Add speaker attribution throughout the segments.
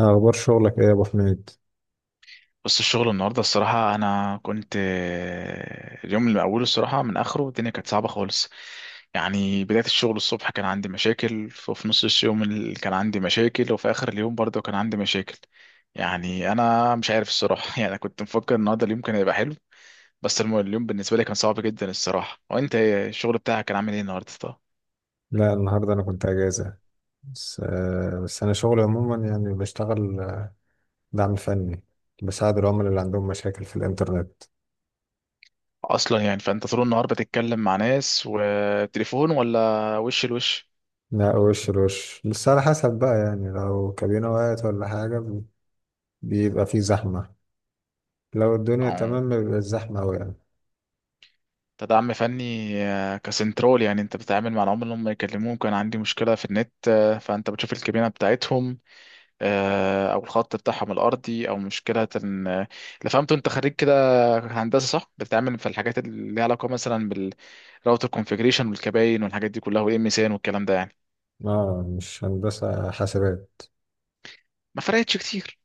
Speaker 1: أخبار شغلك إيه يا أبو حميد؟
Speaker 2: بص الشغل النهارده الصراحة أنا كنت اليوم اللي من أوله الصراحة من آخره الدنيا كانت صعبة خالص. يعني بداية الشغل الصبح كان عندي مشاكل، وفي نص اليوم كان عندي مشاكل، وفي آخر اليوم برضه كان عندي مشاكل. يعني أنا مش عارف الصراحة يعني أنا كنت مفكر النهارده اليوم كان هيبقى حلو. بس اليوم بالنسبة لي كان صعب جدا الصراحة، وأنت إيه؟ الشغل بتاعك كان عامل إيه النهارده طب؟
Speaker 1: لا النهاردة أنا كنت أجازة. بس أنا شغلي عموما يعني بشتغل دعم فني. بساعد العملاء اللي عندهم مشاكل في الإنترنت.
Speaker 2: أصلا يعني فأنت طول النهار بتتكلم مع ناس وتليفون ولا وش لوش؟
Speaker 1: لا وش لوش، بس على حسب بقى. يعني لو كابينة وقعت ولا حاجة بيبقى في زحمة. لو الدنيا
Speaker 2: أه،
Speaker 1: تمام بيبقى الزحمة أوي يعني.
Speaker 2: كدعم فني كسنترول، يعني انت بتتعامل مع العملاء اللي هم يكلموك كان عندي مشكله في النت، فانت بتشوف الكابينه بتاعتهم او الخط بتاعهم الارضي او مشكله آه، اللي فهمته انت خريج كده، هندسه صح؟ بتتعامل في الحاجات اللي ليها علاقه مثلا بالراوتر كونفيجريشن والكباين والحاجات دي كلها والام اس ان والكلام ده يعني.
Speaker 1: آه مش هندسة حاسبات.
Speaker 2: ما فرقتش كتير.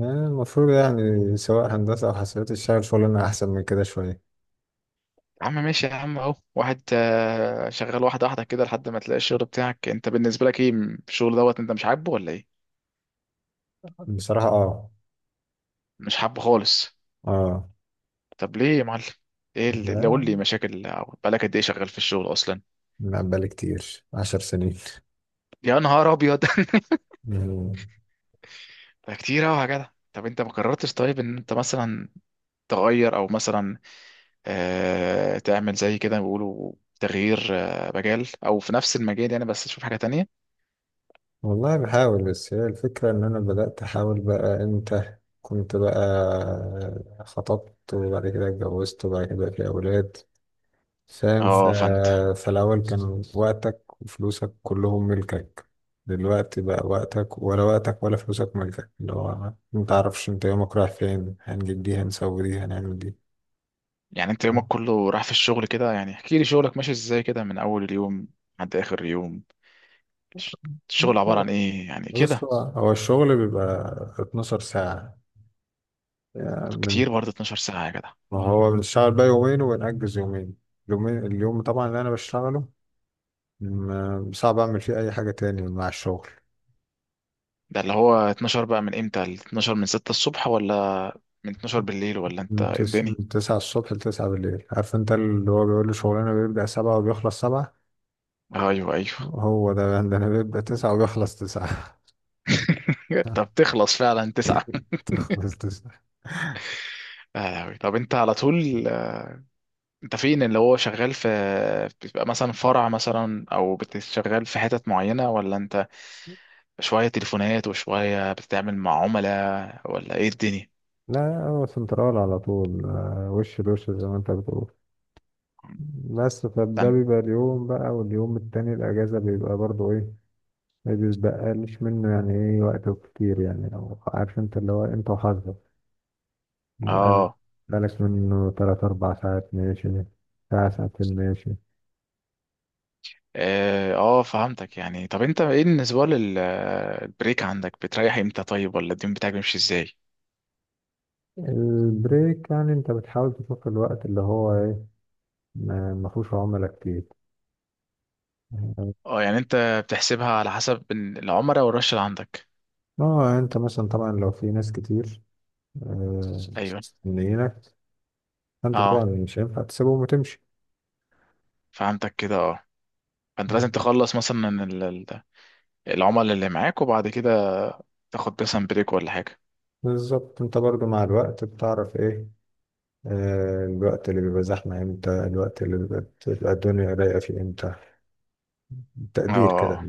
Speaker 1: آه، المفروض يعني سواء هندسة أو حاسبات تشتغل شغلنا أحسن من كده شوية.
Speaker 2: يا عم ماشي يا عم، اهو واحد شغال واحده واحده كده لحد ما تلاقي الشغل بتاعك. انت بالنسبه لك ايه الشغل دوت؟ انت مش عاجبه ولا ايه؟
Speaker 1: بصراحة آه.
Speaker 2: مش حابه خالص؟
Speaker 1: آه.
Speaker 2: طب ليه يا معلم؟ ايه اللي
Speaker 1: لا،
Speaker 2: قول لي مشاكل، أو بقالك قد ايه شغال في الشغل اصلا؟
Speaker 1: ما بقالي كتير، عشر سنين.
Speaker 2: يا نهار ابيض
Speaker 1: مم.
Speaker 2: ده كتير قوي يا جدع. طب انت ما قررتش طيب ان انت مثلا تغير او مثلا، آه، تعمل زي كده بيقولوا، تغيير آه مجال او في نفس المجال يعني، بس تشوف حاجة تانية؟
Speaker 1: والله بحاول، بس هي الفكرة إن أنا بدأت أحاول بقى إمتى. كنت بقى خطبت وبعد كده اتجوزت وبعد كده بقى في أولاد. فاهم
Speaker 2: اه فانت.
Speaker 1: فالأول كان وقتك وفلوسك كلهم ملكك. دلوقتي بقى وقتك ولا وقتك ولا فلوسك ملكك، اللي هو متعرفش أنت يومك رايح فين، هنجيب دي هنسوي دي هنعمل دي.
Speaker 2: يعني انت يومك كله راح في الشغل كده؟ يعني احكي لي شغلك ماشي ازاي كده من اول اليوم لحد اخر يوم. الش- الشغل عبارة عن ايه يعني
Speaker 1: بص،
Speaker 2: كده؟
Speaker 1: هو الشغل بيبقى 12 ساعة. يعني من،
Speaker 2: كتير برضه 12 ساعة يا جدع.
Speaker 1: ما هو بنشتغل بقى يومين وبنأجز يومين. اليومين، اليوم طبعا اللي أنا بشتغله صعب أعمل فيه أي حاجة تاني مع الشغل.
Speaker 2: ده اللي هو 12 بقى من امتى؟ ال 12 من 6 الصبح، ولا من 12 بالليل، ولا انت إيه الدنيا؟
Speaker 1: من تسعة الصبح لتسعة بالليل. عارف أنت، اللي هو بيقول لي شغلنا بيبدأ سبعة وبيخلص سبعة،
Speaker 2: ايوه ايوه.
Speaker 1: هو ده عندنا بيبدأ تسعة وبيخلص تسعة.
Speaker 2: طب تخلص فعلا تسعة؟
Speaker 1: بيخلص تسعة.
Speaker 2: أوي. طب انت على طول انت فين؟ اللي هو شغال في بتبقى مثلا فرع مثلا، او بتشتغل في حتت معينة، ولا انت شوية تليفونات وشوية بتتعامل مع عملاء؟ ولا ايه الدنيا؟
Speaker 1: لا، هو سنترال على طول، وش لوش زي ما أنت بتقول. بس فده
Speaker 2: استنى.
Speaker 1: بيبقى اليوم بقى واليوم التاني الأجازة بيبقى برضو إيه، ما بيسبقليش منه. يعني ايه وقته كتير، يعني لو عارف انت، اللي هو انت وحظك. انا
Speaker 2: اه.
Speaker 1: بقالك منه تلات أربع ساعات ماشي، ساعة ساعتين ماشي.
Speaker 2: اه. فهمتك. يعني طب انت ايه بالنسبة للبريك عندك؟ بتريح امتى طيب، ولا اليوم بتاعك بيمشي ازاي؟
Speaker 1: البريك يعني انت بتحاول تشوف الوقت اللي هو ايه، ما فيهوش عملاء كتير.
Speaker 2: اه، يعني انت بتحسبها على حسب العمرة والرش اللي عندك؟
Speaker 1: اه، انت مثلا طبعا لو في ناس كتير آه،
Speaker 2: ايوه
Speaker 1: مستنيينك، فانت
Speaker 2: اه،
Speaker 1: طبعا مش هينفع تسيبهم وتمشي.
Speaker 2: فهمتك كده اه. فانت لازم
Speaker 1: مم.
Speaker 2: تخلص مثلا العملاء اللي معاك وبعد كده تاخد مثلا بريك ولا حاجة؟
Speaker 1: بالظبط. انت برضو مع الوقت بتعرف ايه، الوقت اللي بيبقى زحمة امتى، الوقت اللي بيبقى بتبقى الدنيا رايقة فيه امتى، تقدير كده.
Speaker 2: اه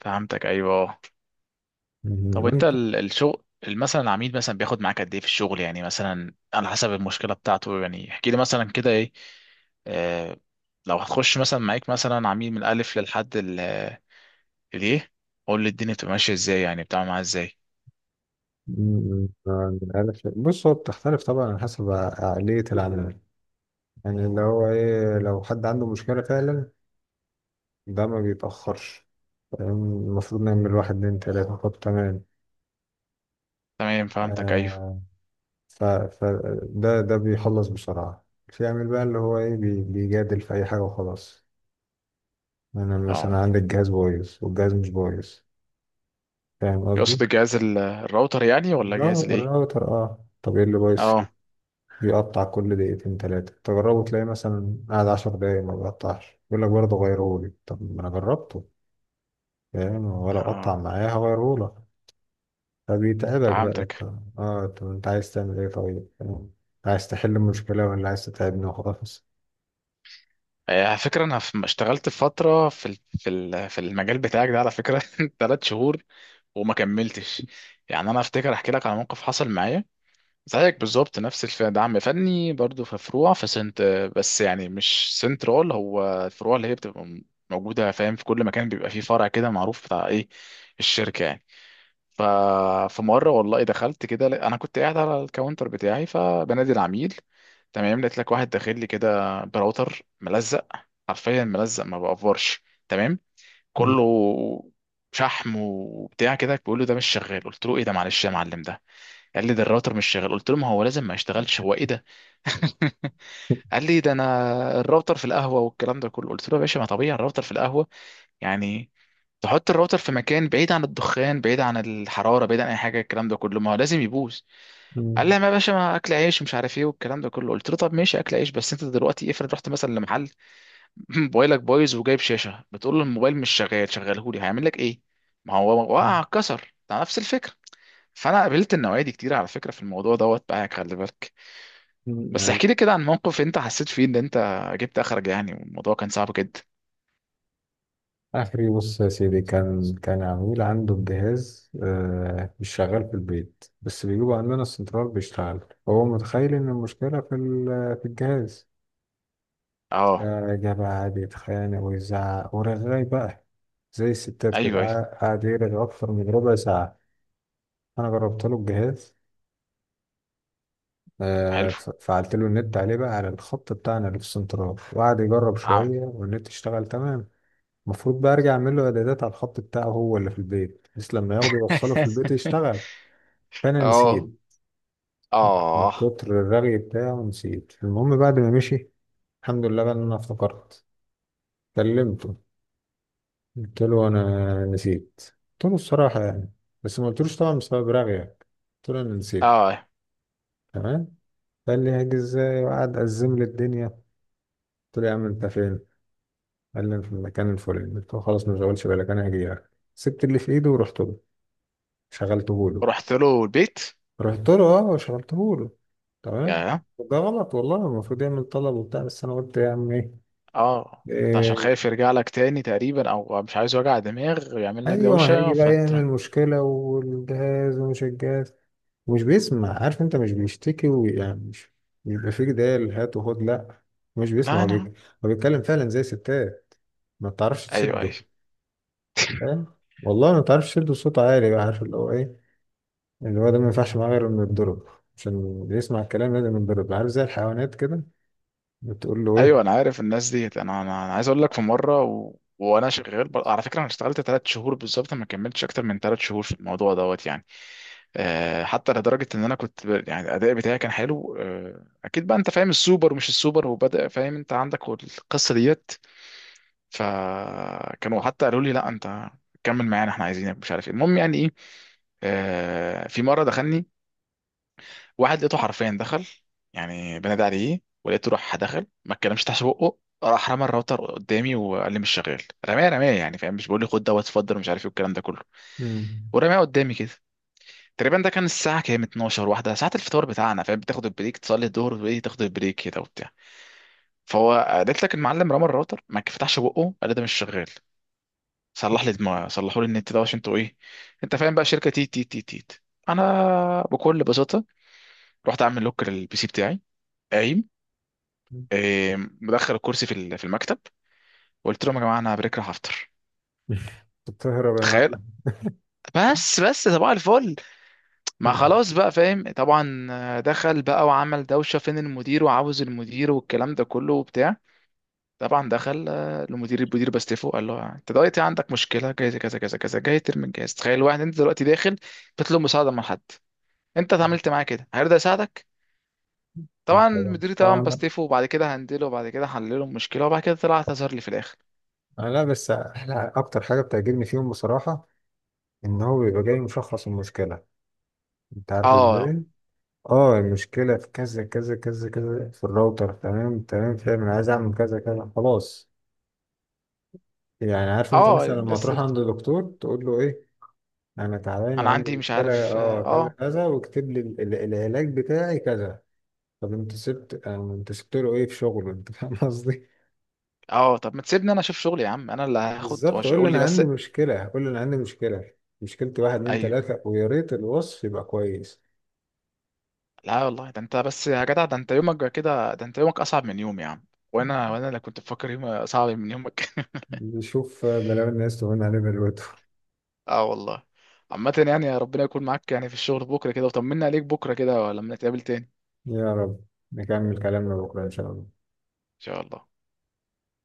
Speaker 2: فهمتك ايوه اه.
Speaker 1: مم،
Speaker 2: طب انت
Speaker 1: وانت.
Speaker 2: الشغل مثلا العميل مثلا بياخد معاك قد ايه في الشغل، يعني مثلا على حسب المشكلة بتاعته؟ يعني احكي لي مثلا كده ايه. آه، لو هتخش مثلا معاك مثلا عميل من الالف للحد اليه، قول لي الدنيا بتبقى ماشية ازاي، يعني بتعمل معاه ازاي؟
Speaker 1: مم، عارف، بص هو بتختلف طبعا على حسب عقلية العميل. يعني اللي هو ايه، لو حد عنده مشكلة فعلا ده ما بيتأخرش. فاهم؟ المفروض نعمل واحد اتنين تلاتة، طب تمام.
Speaker 2: تمام فهمتك ايوه
Speaker 1: آه. ف ف ده بيخلص بسرعة. في عامل بقى اللي هو ايه، بيجادل في أي حاجة وخلاص. أنا مثلا
Speaker 2: اه.
Speaker 1: عندي الجهاز بايظ والجهاز مش بايظ. فاهم قصدي؟
Speaker 2: يقصد الجهاز الراوتر يعني ولا جهاز الايه؟
Speaker 1: الراوتر. اه، طب ايه اللي بايظ فيه؟
Speaker 2: اه.
Speaker 1: بيقطع كل دقيقتين تلاتة، تجربه تلاقي مثلا قاعد عشر دقايق ما بيقطعش، يقول لك برضه غيرهولي، طب ما انا جربته، فاهم؟ ولا قطع
Speaker 2: اه
Speaker 1: معايا هغيرهولك. فبيتعبك بقى انت.
Speaker 2: فهمتك.
Speaker 1: اه، طب انت عايز تعمل ايه طيب؟ فاهم؟ عايز تحل المشكلة ولا عايز تتعبني وخلاص.
Speaker 2: على فكره انا اشتغلت فتره في المجال بتاعك ده على فكره ثلاث شهور وما كملتش. يعني انا افتكر احكي لك على موقف حصل معايا زيك بالظبط، نفس دعم فني برضو، في فروع، في سنت، بس يعني مش سنترال. هو الفروع اللي هي بتبقى موجوده فاهم، في كل مكان بيبقى فيه فرع كده معروف بتاع ايه، الشركه يعني. ففي مره والله دخلت كده، انا كنت قاعد على الكاونتر بتاعي فبنادي العميل، تمام. لقيت لك واحد داخل لي كده براوتر ملزق، حرفيا ملزق ما بقفرش تمام، كله شحم وبتاع كده، بيقول له ده مش شغال. قلت له ايه ده، معلش يا معلم ده. قال لي ده الراوتر مش شغال، قلت له ما هو لازم ما يشتغلش، هو ايه ده؟ قال لي ده انا الراوتر في القهوه والكلام ده كله، قلت له يا باشا ما طبيعي، الراوتر في القهوه يعني؟ تحط الراوتر في مكان بعيد عن الدخان، بعيد عن الحراره، بعيد عن اي حاجه الكلام ده كله، ما هو لازم يبوظ.
Speaker 1: مم.
Speaker 2: قال
Speaker 1: مم.
Speaker 2: لي ما يا باشا ما اكل عيش ومش عارف ايه والكلام ده كله. قلت له طب ماشي اكل عيش، بس انت دلوقتي افرض رحت مثلا لمحل موبايلك بايظ وجايب شاشه بتقول له الموبايل مش شغال شغله لي، هيعمل لك ايه؟ ما هو وقع اتكسر، ده نفس الفكره. فانا قابلت النوعيه دي كتير على فكره في الموضوع دوت بقى، خلي بالك. بس
Speaker 1: مم.
Speaker 2: احكي لي كده عن موقف انت حسيت فيه ان انت جبت اخرج يعني، والموضوع كان صعب جدا.
Speaker 1: اخري بص يا سيدي، كان عميل عنده الجهاز آه مش شغال في البيت، بس بيجيبوا عندنا السنترال بيشتغل. هو متخيل ان المشكله في الجهاز.
Speaker 2: اه.
Speaker 1: جاب قعد يتخانق ويزعق ورغاي بقى، زي الستات كده،
Speaker 2: ايوه ايوه.
Speaker 1: قعد يرغي اكتر من ربع ساعه. انا جربت له الجهاز،
Speaker 2: حلو.
Speaker 1: فعلت له النت عليه بقى على الخط بتاعنا اللي في السنترال، وقعد يجرب
Speaker 2: عم.
Speaker 1: شويه والنت اشتغل تمام. المفروض بقى ارجع اعمل له اعدادات على الخط بتاعه هو اللي في البيت، بحيث لما ياخده يوصله في البيت يشتغل. فانا
Speaker 2: اه.
Speaker 1: نسيت من
Speaker 2: اه.
Speaker 1: كتر الرغي بتاعه، نسيت. المهم بعد ما مشي، الحمد لله بقى إن انا افتكرت، كلمته. قلت له انا نسيت. قلت له الصراحه يعني، بس ما قلتلوش طبعا بسبب رغيك، قلت له انا نسيت.
Speaker 2: اه.
Speaker 1: تمام. قال لي هاجي ازاي، وقعد ازم لي الدنيا. قلت له يا عم انت فين؟ قال لي أنا في المكان الفلاني. قلت له خلاص ما تشغلش بالك، انا هاجي لك. سبت اللي في ايده ورحت له، شغلته له.
Speaker 2: رحت له البيت؟
Speaker 1: رحت له اه وشرحته له. تمام.
Speaker 2: يا.
Speaker 1: ده غلط والله، المفروض يعمل طلب وبتاع، بس انا قلت يا عم ايه.
Speaker 2: اه انت عشان
Speaker 1: إيه،
Speaker 2: خايف يرجع لك تاني تقريبا، او مش عايز وجع دماغ ويعمل لك
Speaker 1: ايوه،
Speaker 2: دوشه
Speaker 1: هيجي بقى
Speaker 2: فانت.
Speaker 1: يعمل مشكله والجهاز ومش الجهاز، ومش بيسمع، عارف انت، مش بيشتكي ويعني مش بيبقى فيه جدال هات وخد، لا، مش بيسمع.
Speaker 2: لا انا.
Speaker 1: هو بيتكلم فعلا زي ستات، ما تعرفش
Speaker 2: ايوه
Speaker 1: تسده.
Speaker 2: ايوه.
Speaker 1: فاهم؟ والله ما تعرفش تسده. صوت عالي بقى، عارف اللي هو ايه، اللي هو ده ما ينفعش معاه غير انه يتضرب. عشان يسمع الكلام لازم يتضرب، عارف زي الحيوانات كده، بتقول له
Speaker 2: ايوه انا
Speaker 1: ايه.
Speaker 2: عارف الناس ديت. أنا عايز اقول لك في مره على فكره، انا اشتغلت ثلاث شهور بالظبط، ما كملتش اكتر من ثلاث شهور في الموضوع دوت يعني. أه، حتى لدرجه ان انا كنت يعني الاداء بتاعي كان حلو. أه اكيد بقى، انت فاهم السوبر ومش السوبر وبدا، فاهم انت عندك القصه ديت. فكانوا حتى قالوا لي لا انت كمل معانا احنا عايزينك مش عارف ايه. المهم يعني ايه، آه، في مره دخلني واحد، لقيته حرفيا دخل، يعني بنادى عليه ولقيته راح دخل ما اتكلمش تحت بقه، راح رمى الراوتر قدامي وقال لي مش شغال. رماه رماه يعني، فاهم؟ مش بقول لي خد دوت اتفضل ومش عارف ايه الكلام ده كله،
Speaker 1: مم.
Speaker 2: ورماه قدامي كده. تقريبا ده كان الساعه كام، 12 واحده، ساعه الفطار بتاعنا فاهم، بتاخد البريك تصلي الظهر وايه، تاخد البريك كده وبتاع. فهو قالت لك المعلم، رمى الراوتر ما فتحش بقه قال لي ده مش شغال، صلح لي دماغي، صلحوا لي النت ده عشان انتوا ايه، انت فاهم بقى، شركه تيت تيت تيت تيت. انا بكل بساطه رحت اعمل لوك للبي سي بتاعي، قايم، مدخل الكرسي في المكتب، وقلت لهم يا جماعه انا بريك راح افطر،
Speaker 1: بتهرب يا
Speaker 2: تخيل.
Speaker 1: معلم.
Speaker 2: بس بس طبعا الفل. ما خلاص بقى فاهم طبعا، دخل بقى وعمل دوشه فين المدير وعاوز المدير والكلام ده كله وبتاع. طبعا دخل، المدير المدير باستيفو قال له انت دلوقتي عندك مشكله جاي كذا كذا كذا جاي ترمي الجهاز؟ تخيل واحد انت دلوقتي داخل بتطلب مساعده من حد، انت اتعاملت معاه كده هيرضى يساعدك؟ طبعا
Speaker 1: طبعا.
Speaker 2: مديري
Speaker 1: طبعا.
Speaker 2: طبعا
Speaker 1: لا.
Speaker 2: بستيفه، وبعد كده هندله، وبعد كده هحلله المشكله، وبعد كده طلع اعتذر لي في الاخر.
Speaker 1: آه، لا بس احلى اكتر حاجه بتعجبني فيهم بصراحه، ان هو بيبقى جاي مشخص المشكله. انت عارف
Speaker 2: اه.
Speaker 1: ازاي؟ اه، المشكله في كذا كذا كذا كذا في الراوتر، تمام تمام فاهم، انا عايز اعمل كذا كذا، خلاص. يعني عارف انت
Speaker 2: اه
Speaker 1: مثلا لما
Speaker 2: الناس
Speaker 1: تروح عند دكتور تقول له ايه، انا تعبان
Speaker 2: انا
Speaker 1: وعندي
Speaker 2: عندي مش
Speaker 1: مشكله
Speaker 2: عارف
Speaker 1: اه كذا
Speaker 2: اه.
Speaker 1: كذا، واكتب لي العلاج بتاعي كذا. طب انت سبت آه، انت سبت له ايه في شغله؟ انت فاهم قصدي؟
Speaker 2: اه طب ما تسيبني انا اشوف شغلي يا عم، انا اللي هاخد
Speaker 1: بالظبط، اقول له
Speaker 2: وقول لي
Speaker 1: انا
Speaker 2: بس.
Speaker 1: عندي مشكله، هقول له انا عندي مشكله، مشكلتي واحد اتنين
Speaker 2: ايوه.
Speaker 1: تلاته، ويا ريت الوصف يبقى كويس.
Speaker 2: لا والله، ده انت بس يا جدع، ده انت يومك كده، ده انت يومك اصعب من يومي يا عم. وانا اللي كنت بفكر يومي صعب من يومك.
Speaker 1: نشوف بلاوي الناس تهون عليه دلوقتي.
Speaker 2: اه والله. عامة يعني، يا ربنا يكون معاك يعني في الشغل بكرة كده، وطمنا عليك بكرة كده لما نتقابل تاني ان
Speaker 1: يا رب نكمل كلامنا بكره ان شاء الله.
Speaker 2: شاء الله.